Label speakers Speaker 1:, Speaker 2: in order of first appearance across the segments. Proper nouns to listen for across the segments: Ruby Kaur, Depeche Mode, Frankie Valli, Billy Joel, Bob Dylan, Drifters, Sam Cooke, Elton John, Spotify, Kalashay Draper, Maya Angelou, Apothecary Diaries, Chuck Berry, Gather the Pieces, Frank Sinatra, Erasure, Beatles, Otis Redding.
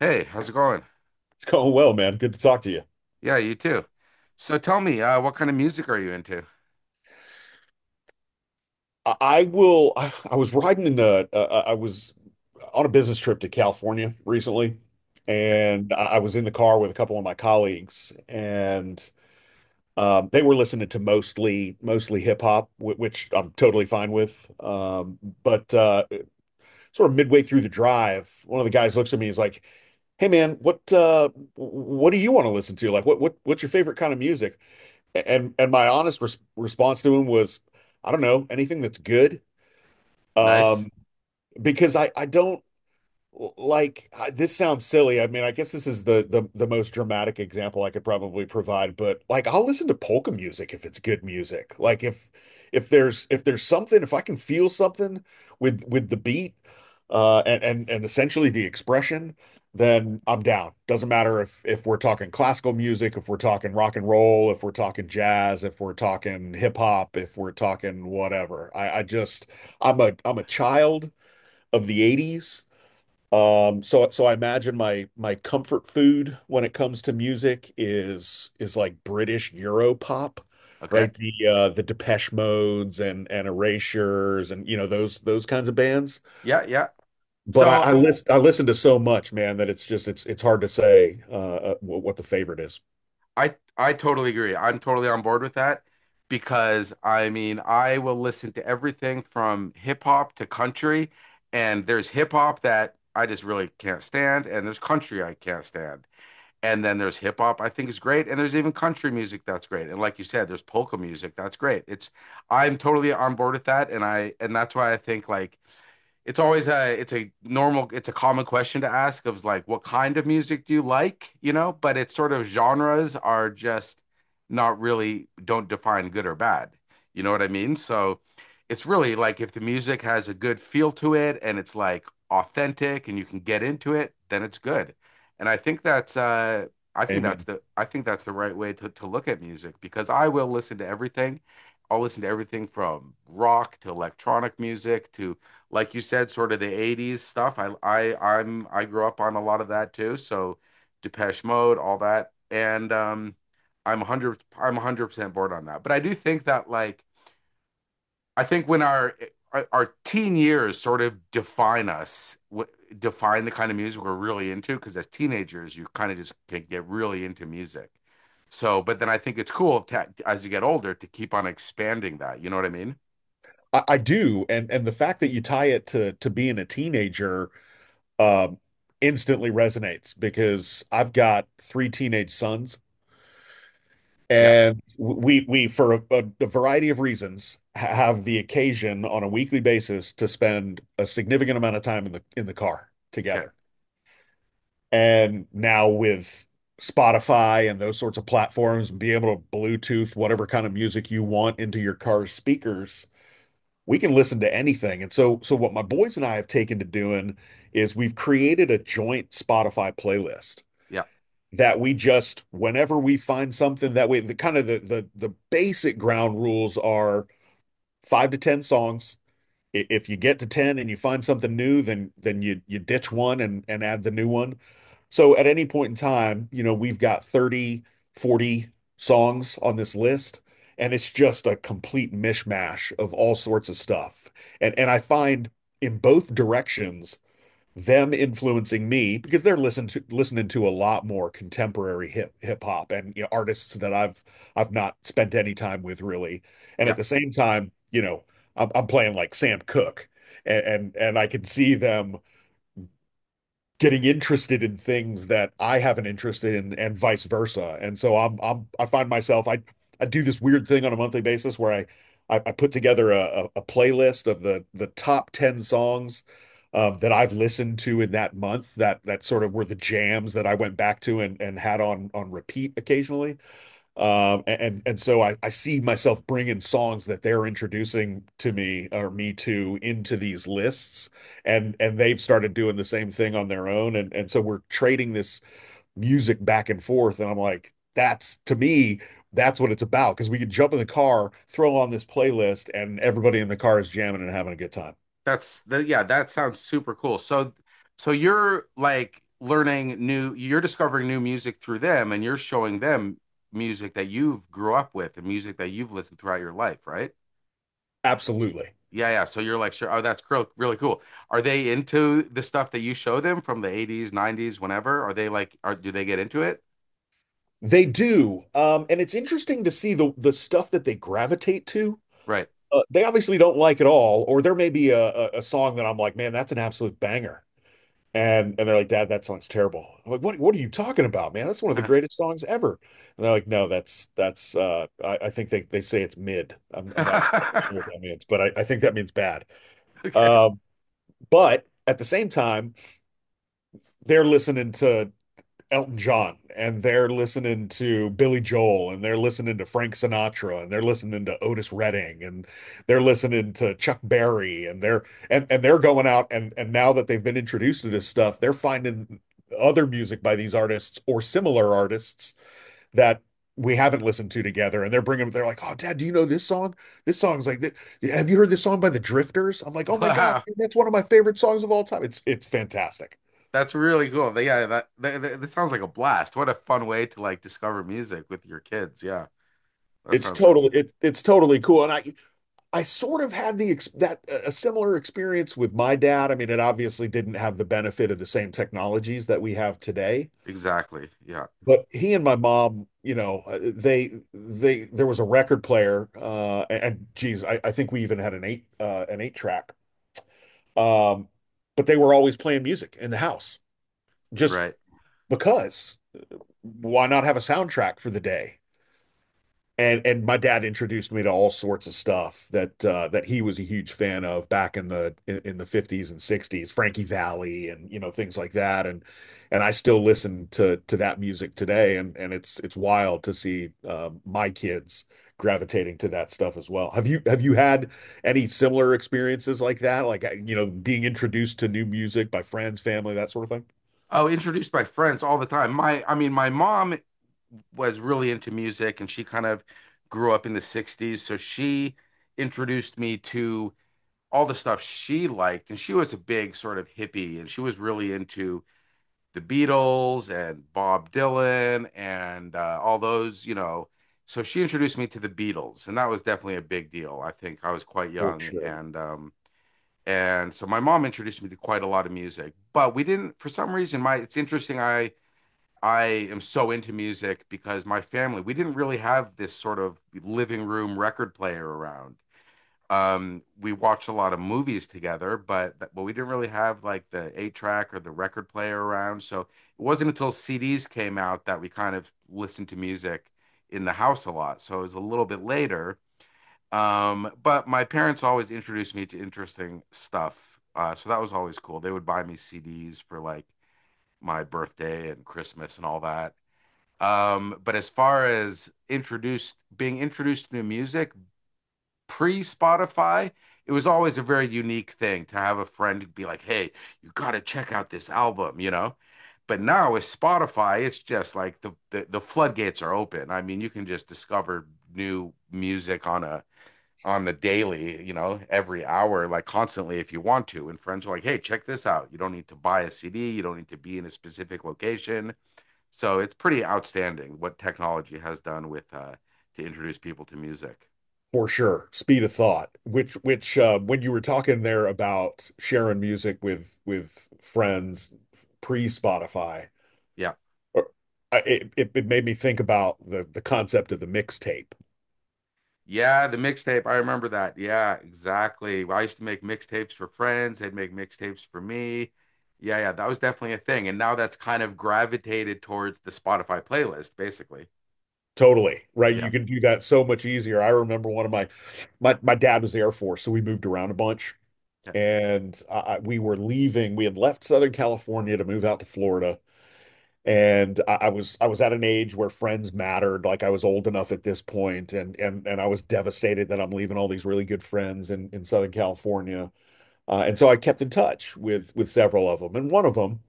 Speaker 1: Hey, how's it going?
Speaker 2: It's going well, man. Good to talk to you.
Speaker 1: Yeah, you too. So tell me, what kind of music are you into?
Speaker 2: I will. I was riding in the. I was on a business trip to California recently,
Speaker 1: Eh,
Speaker 2: and I was in the car with a couple of my colleagues, and they were listening to mostly hip hop, which I'm totally fine with. But sort of midway through the drive, one of the guys looks at me. He's like, "Hey, man, what do you want to listen to? Like, what's your favorite kind of music?" And my honest response to him was, I don't know, anything that's good.
Speaker 1: nice.
Speaker 2: Um, because I don't like, this sounds silly. I mean, I guess this is the most dramatic example I could probably provide, but like I'll listen to polka music if it's good music. Like if there's something, if I can feel something with the beat and essentially the expression, then I'm down. Doesn't matter if we're talking classical music, if we're talking rock and roll, if we're talking jazz, if we're talking hip hop, if we're talking whatever. I just I'm a child of the 80s. So I imagine my comfort food when it comes to music is like British Euro pop,
Speaker 1: Okay.
Speaker 2: right? The Depeche Modes and Erasures, and those kinds of bands.
Speaker 1: Yeah, yeah.
Speaker 2: But I,
Speaker 1: So
Speaker 2: I listen I listen to so much, man, that it's just it's hard to say what the favorite is.
Speaker 1: I totally agree. I'm totally on board with that because I mean, I will listen to everything from hip hop to country, and there's hip hop that I just really can't stand, and there's country I can't stand. And then there's hip hop I think is great, and there's even country music that's great. And like you said, there's polka music that's great. It's I'm totally on board with that, and I and that's why I think like it's always a it's a normal it's a common question to ask of like what kind of music do you like, you know, but it's sort of genres are just not really don't define good or bad, you know what I mean? So it's really like if the music has a good feel to it and it's like authentic and you can get into it, then it's good, and I think that's
Speaker 2: Amen.
Speaker 1: I think that's the right way to look at music because I will listen to everything. I'll listen to everything from rock to electronic music to, like you said, sort of the 80s stuff. I grew up on a lot of that too. So Depeche Mode, all that. And I'm 100% bored on that. But I do think that like I think when our teen years sort of define us, define the kind of music we're really into because as teenagers you kind of just can get really into music. So, but then I think it's cool to, as you get older, to keep on expanding that. You know what I mean?
Speaker 2: I do, and the fact that you tie it to being a teenager um instantly resonates because I've got three teenage sons.
Speaker 1: Yeah.
Speaker 2: And we for variety of reasons have the occasion on a weekly basis to spend a significant amount of time in the car
Speaker 1: Okay.
Speaker 2: together. And now with Spotify and those sorts of platforms, be able to Bluetooth whatever kind of music you want into your car's speakers, we can listen to anything. And so what my boys and I have taken to doing is we've created a joint Spotify playlist
Speaker 1: Yeah.
Speaker 2: that we just whenever we find something, that we the kind of the basic ground rules are five to ten songs. If you get to ten and you find something new, then you ditch one and add the new one. So at any point in time, we've got 30, 40 songs on this list, and it's just a complete mishmash of all sorts of stuff. And I find, in both directions, them influencing me because they're listening to a lot more contemporary hip hop and, artists that I've not spent any time with really. And at
Speaker 1: Yeah.
Speaker 2: the same time, I'm playing like Sam Cooke, and I can see them getting interested in things that I haven't interested in and vice versa. And so I find myself. I do this weird thing on a monthly basis where I put together a playlist of the top 10 songs that I've listened to in that month, that sort of were the jams that I went back to and had on repeat occasionally. And so I see myself bringing songs that they're introducing to me or me to into these lists, and they've started doing the same thing on their own, and so we're trading this music back and forth, and I'm like, that's, to me, that's what it's about, because we can jump in the car, throw on this playlist, and everybody in the car is jamming and having a good time.
Speaker 1: That's the yeah, that sounds super cool. So so you're like learning new, you're discovering new music through them, and you're showing them music that you've grew up with and music that you've listened throughout your life, right?
Speaker 2: Absolutely,
Speaker 1: Yeah, yeah. So you're like, sure, oh, that's really cool. Are they into the stuff that you show them from the 80s, 90s, whenever? Are they like, are do they get into it?
Speaker 2: they do. And it's interesting to see the stuff that they gravitate to.
Speaker 1: Right.
Speaker 2: They obviously don't like it all, or there may be a song that I'm like, man, that's an absolute banger. And they're like, "Dad, that song's terrible." I'm like, what are you talking about, man? That's one of the greatest songs ever. And they're like, no, that's I think they say it's mid. I'm not sure what that means, but I think that means bad.
Speaker 1: Okay.
Speaker 2: Um, but at the same time, they're listening to Elton John and they're listening to Billy Joel and they're listening to Frank Sinatra and they're listening to Otis Redding and they're listening to Chuck Berry and they're going out, and now that they've been introduced to this stuff, they're finding other music by these artists or similar artists that we haven't listened to together, and they're like, "Oh, Dad, do you know this song? This song's like this. Have you heard this song by the Drifters?" I'm like, "Oh my God,
Speaker 1: Wow.
Speaker 2: that's one of my favorite songs of all time." It's fantastic.
Speaker 1: That's really cool. Yeah, that sounds like a blast. What a fun way to like discover music with your kids. Yeah. That
Speaker 2: It's
Speaker 1: sounds
Speaker 2: totally it's it's totally cool. And I sort of had the ex- that a similar experience with my dad. I mean, it obviously didn't have the benefit of the same technologies that we have today.
Speaker 1: exactly. Yeah.
Speaker 2: But he and my mom, you know, they there was a record player, and geez, I think we even had an eight track. Um, but they were always playing music in the house, just
Speaker 1: Right.
Speaker 2: because. Why not have a soundtrack for the day? And my dad introduced me to all sorts of stuff that that he was a huge fan of back in the 50s and 60s, Frankie Valli and, things like that, and I still listen to that music today, and it's wild to see my kids gravitating to that stuff as well. Have you had any similar experiences like that? Like being introduced to new music by friends, family, that sort of thing?
Speaker 1: Oh, introduced by friends all the time. I mean, my mom was really into music and she kind of grew up in the 60s. So she introduced me to all the stuff she liked. And she was a big sort of hippie and she was really into the Beatles and Bob Dylan and all those, you know. So she introduced me to the Beatles, and that was definitely a big deal. I think I was quite
Speaker 2: For
Speaker 1: young
Speaker 2: sure.
Speaker 1: and so my mom introduced me to quite a lot of music, but we didn't, for some reason my, it's interesting. I am so into music because my family, we didn't really have this sort of living room record player around. We watched a lot of movies together, but we didn't really have like the eight track or the record player around, so it wasn't until CDs came out that we kind of listened to music in the house a lot. So it was a little bit later. But my parents always introduced me to interesting stuff. So that was always cool. They would buy me CDs for like my birthday and Christmas and all that. But as far as introduced being introduced to new music pre-Spotify, it was always a very unique thing to have a friend be like, "Hey, you gotta check out this album," you know? But now with Spotify, it's just like the floodgates are open. I mean, you can just discover new music on a on the daily, you know, every hour, like constantly if you want to. And friends are like, hey, check this out. You don't need to buy a CD, you don't need to be in a specific location. So it's pretty outstanding what technology has done with to introduce people to music.
Speaker 2: For sure, speed of thought. When you were talking there about sharing music with friends pre-Spotify,
Speaker 1: Yeah.
Speaker 2: or- it made me think about the concept of the mixtape.
Speaker 1: Yeah, the mixtape. I remember that. Yeah, exactly. Well, I used to make mixtapes for friends. They'd make mixtapes for me. Yeah, yeah, that was definitely a thing. And now that's kind of gravitated towards the Spotify playlist, basically.
Speaker 2: Totally, right?
Speaker 1: Yeah.
Speaker 2: You can do that so much easier. I remember one of my my my dad was the Air Force, so we moved around a bunch,
Speaker 1: Yeah.
Speaker 2: and we were leaving. We had left Southern California to move out to Florida, and I was at an age where friends mattered. Like I was old enough at this point, and I was devastated that I'm leaving all these really good friends in Southern California. And so I kept in touch with several of them, and one of them,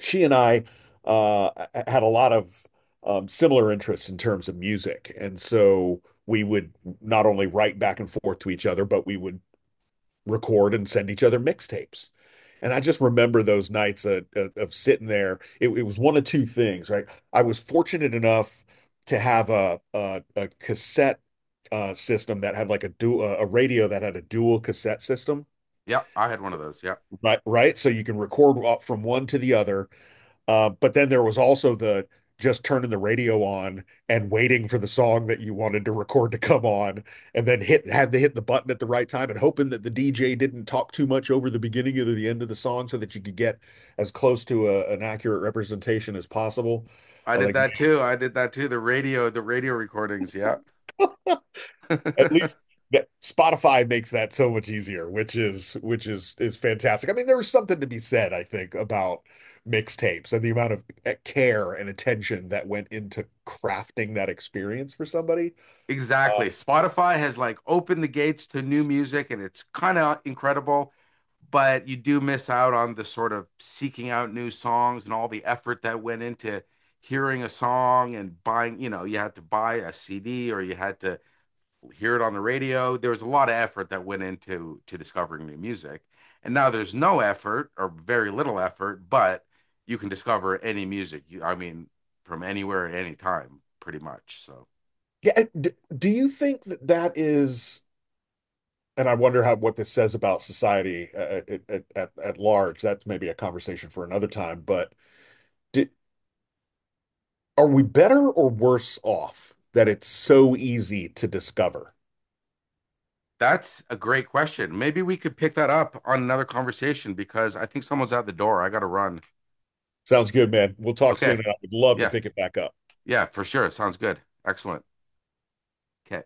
Speaker 2: she and I uh, had a lot of similar interests in terms of music, and so. We would not only write back and forth to each other, but we would record and send each other mixtapes. And I just remember those nights of sitting there. It was one of two things, right? I was fortunate enough to have a cassette system that had like a radio that had a dual cassette system,
Speaker 1: Yeah. I had one of those. Yeah.
Speaker 2: right? Right, so you can record off from one to the other, but then there was also the just turning the radio on and waiting for the song that you wanted to record to come on, and then hit had to hit the button at the right time, and hoping that the DJ didn't talk too much over the beginning or the end of the song so that you could get as close to an accurate representation as possible.
Speaker 1: I
Speaker 2: I was
Speaker 1: did
Speaker 2: like,
Speaker 1: that too. I did that too. The radio recordings. Yeah.
Speaker 2: at least that Spotify makes that so much easier, which is fantastic. I mean, there is something to be said, I think, about mixtapes and the amount of care and attention that went into crafting that experience for somebody. Uh,
Speaker 1: Exactly. Spotify has like opened the gates to new music, and it's kind of incredible, but you do miss out on the sort of seeking out new songs and all the effort that went into hearing a song and buying, you know, you had to buy a CD or you had to hear it on the radio. There was a lot of effort that went into to discovering new music. And now there's no effort or very little effort, but you can discover any music. I mean, from anywhere at any time, pretty much. So
Speaker 2: yeah, d- do you think that is? And I wonder how, what this says about society at large. That's maybe a conversation for another time. But did, are we better or worse off that it's so easy to discover?
Speaker 1: that's a great question. Maybe we could pick that up on another conversation because I think someone's at the door. I got to run.
Speaker 2: Sounds good, man. We'll talk soon,
Speaker 1: Okay.
Speaker 2: and I would love to
Speaker 1: Yeah.
Speaker 2: pick it back up.
Speaker 1: Yeah, for sure. Sounds good. Excellent. Okay.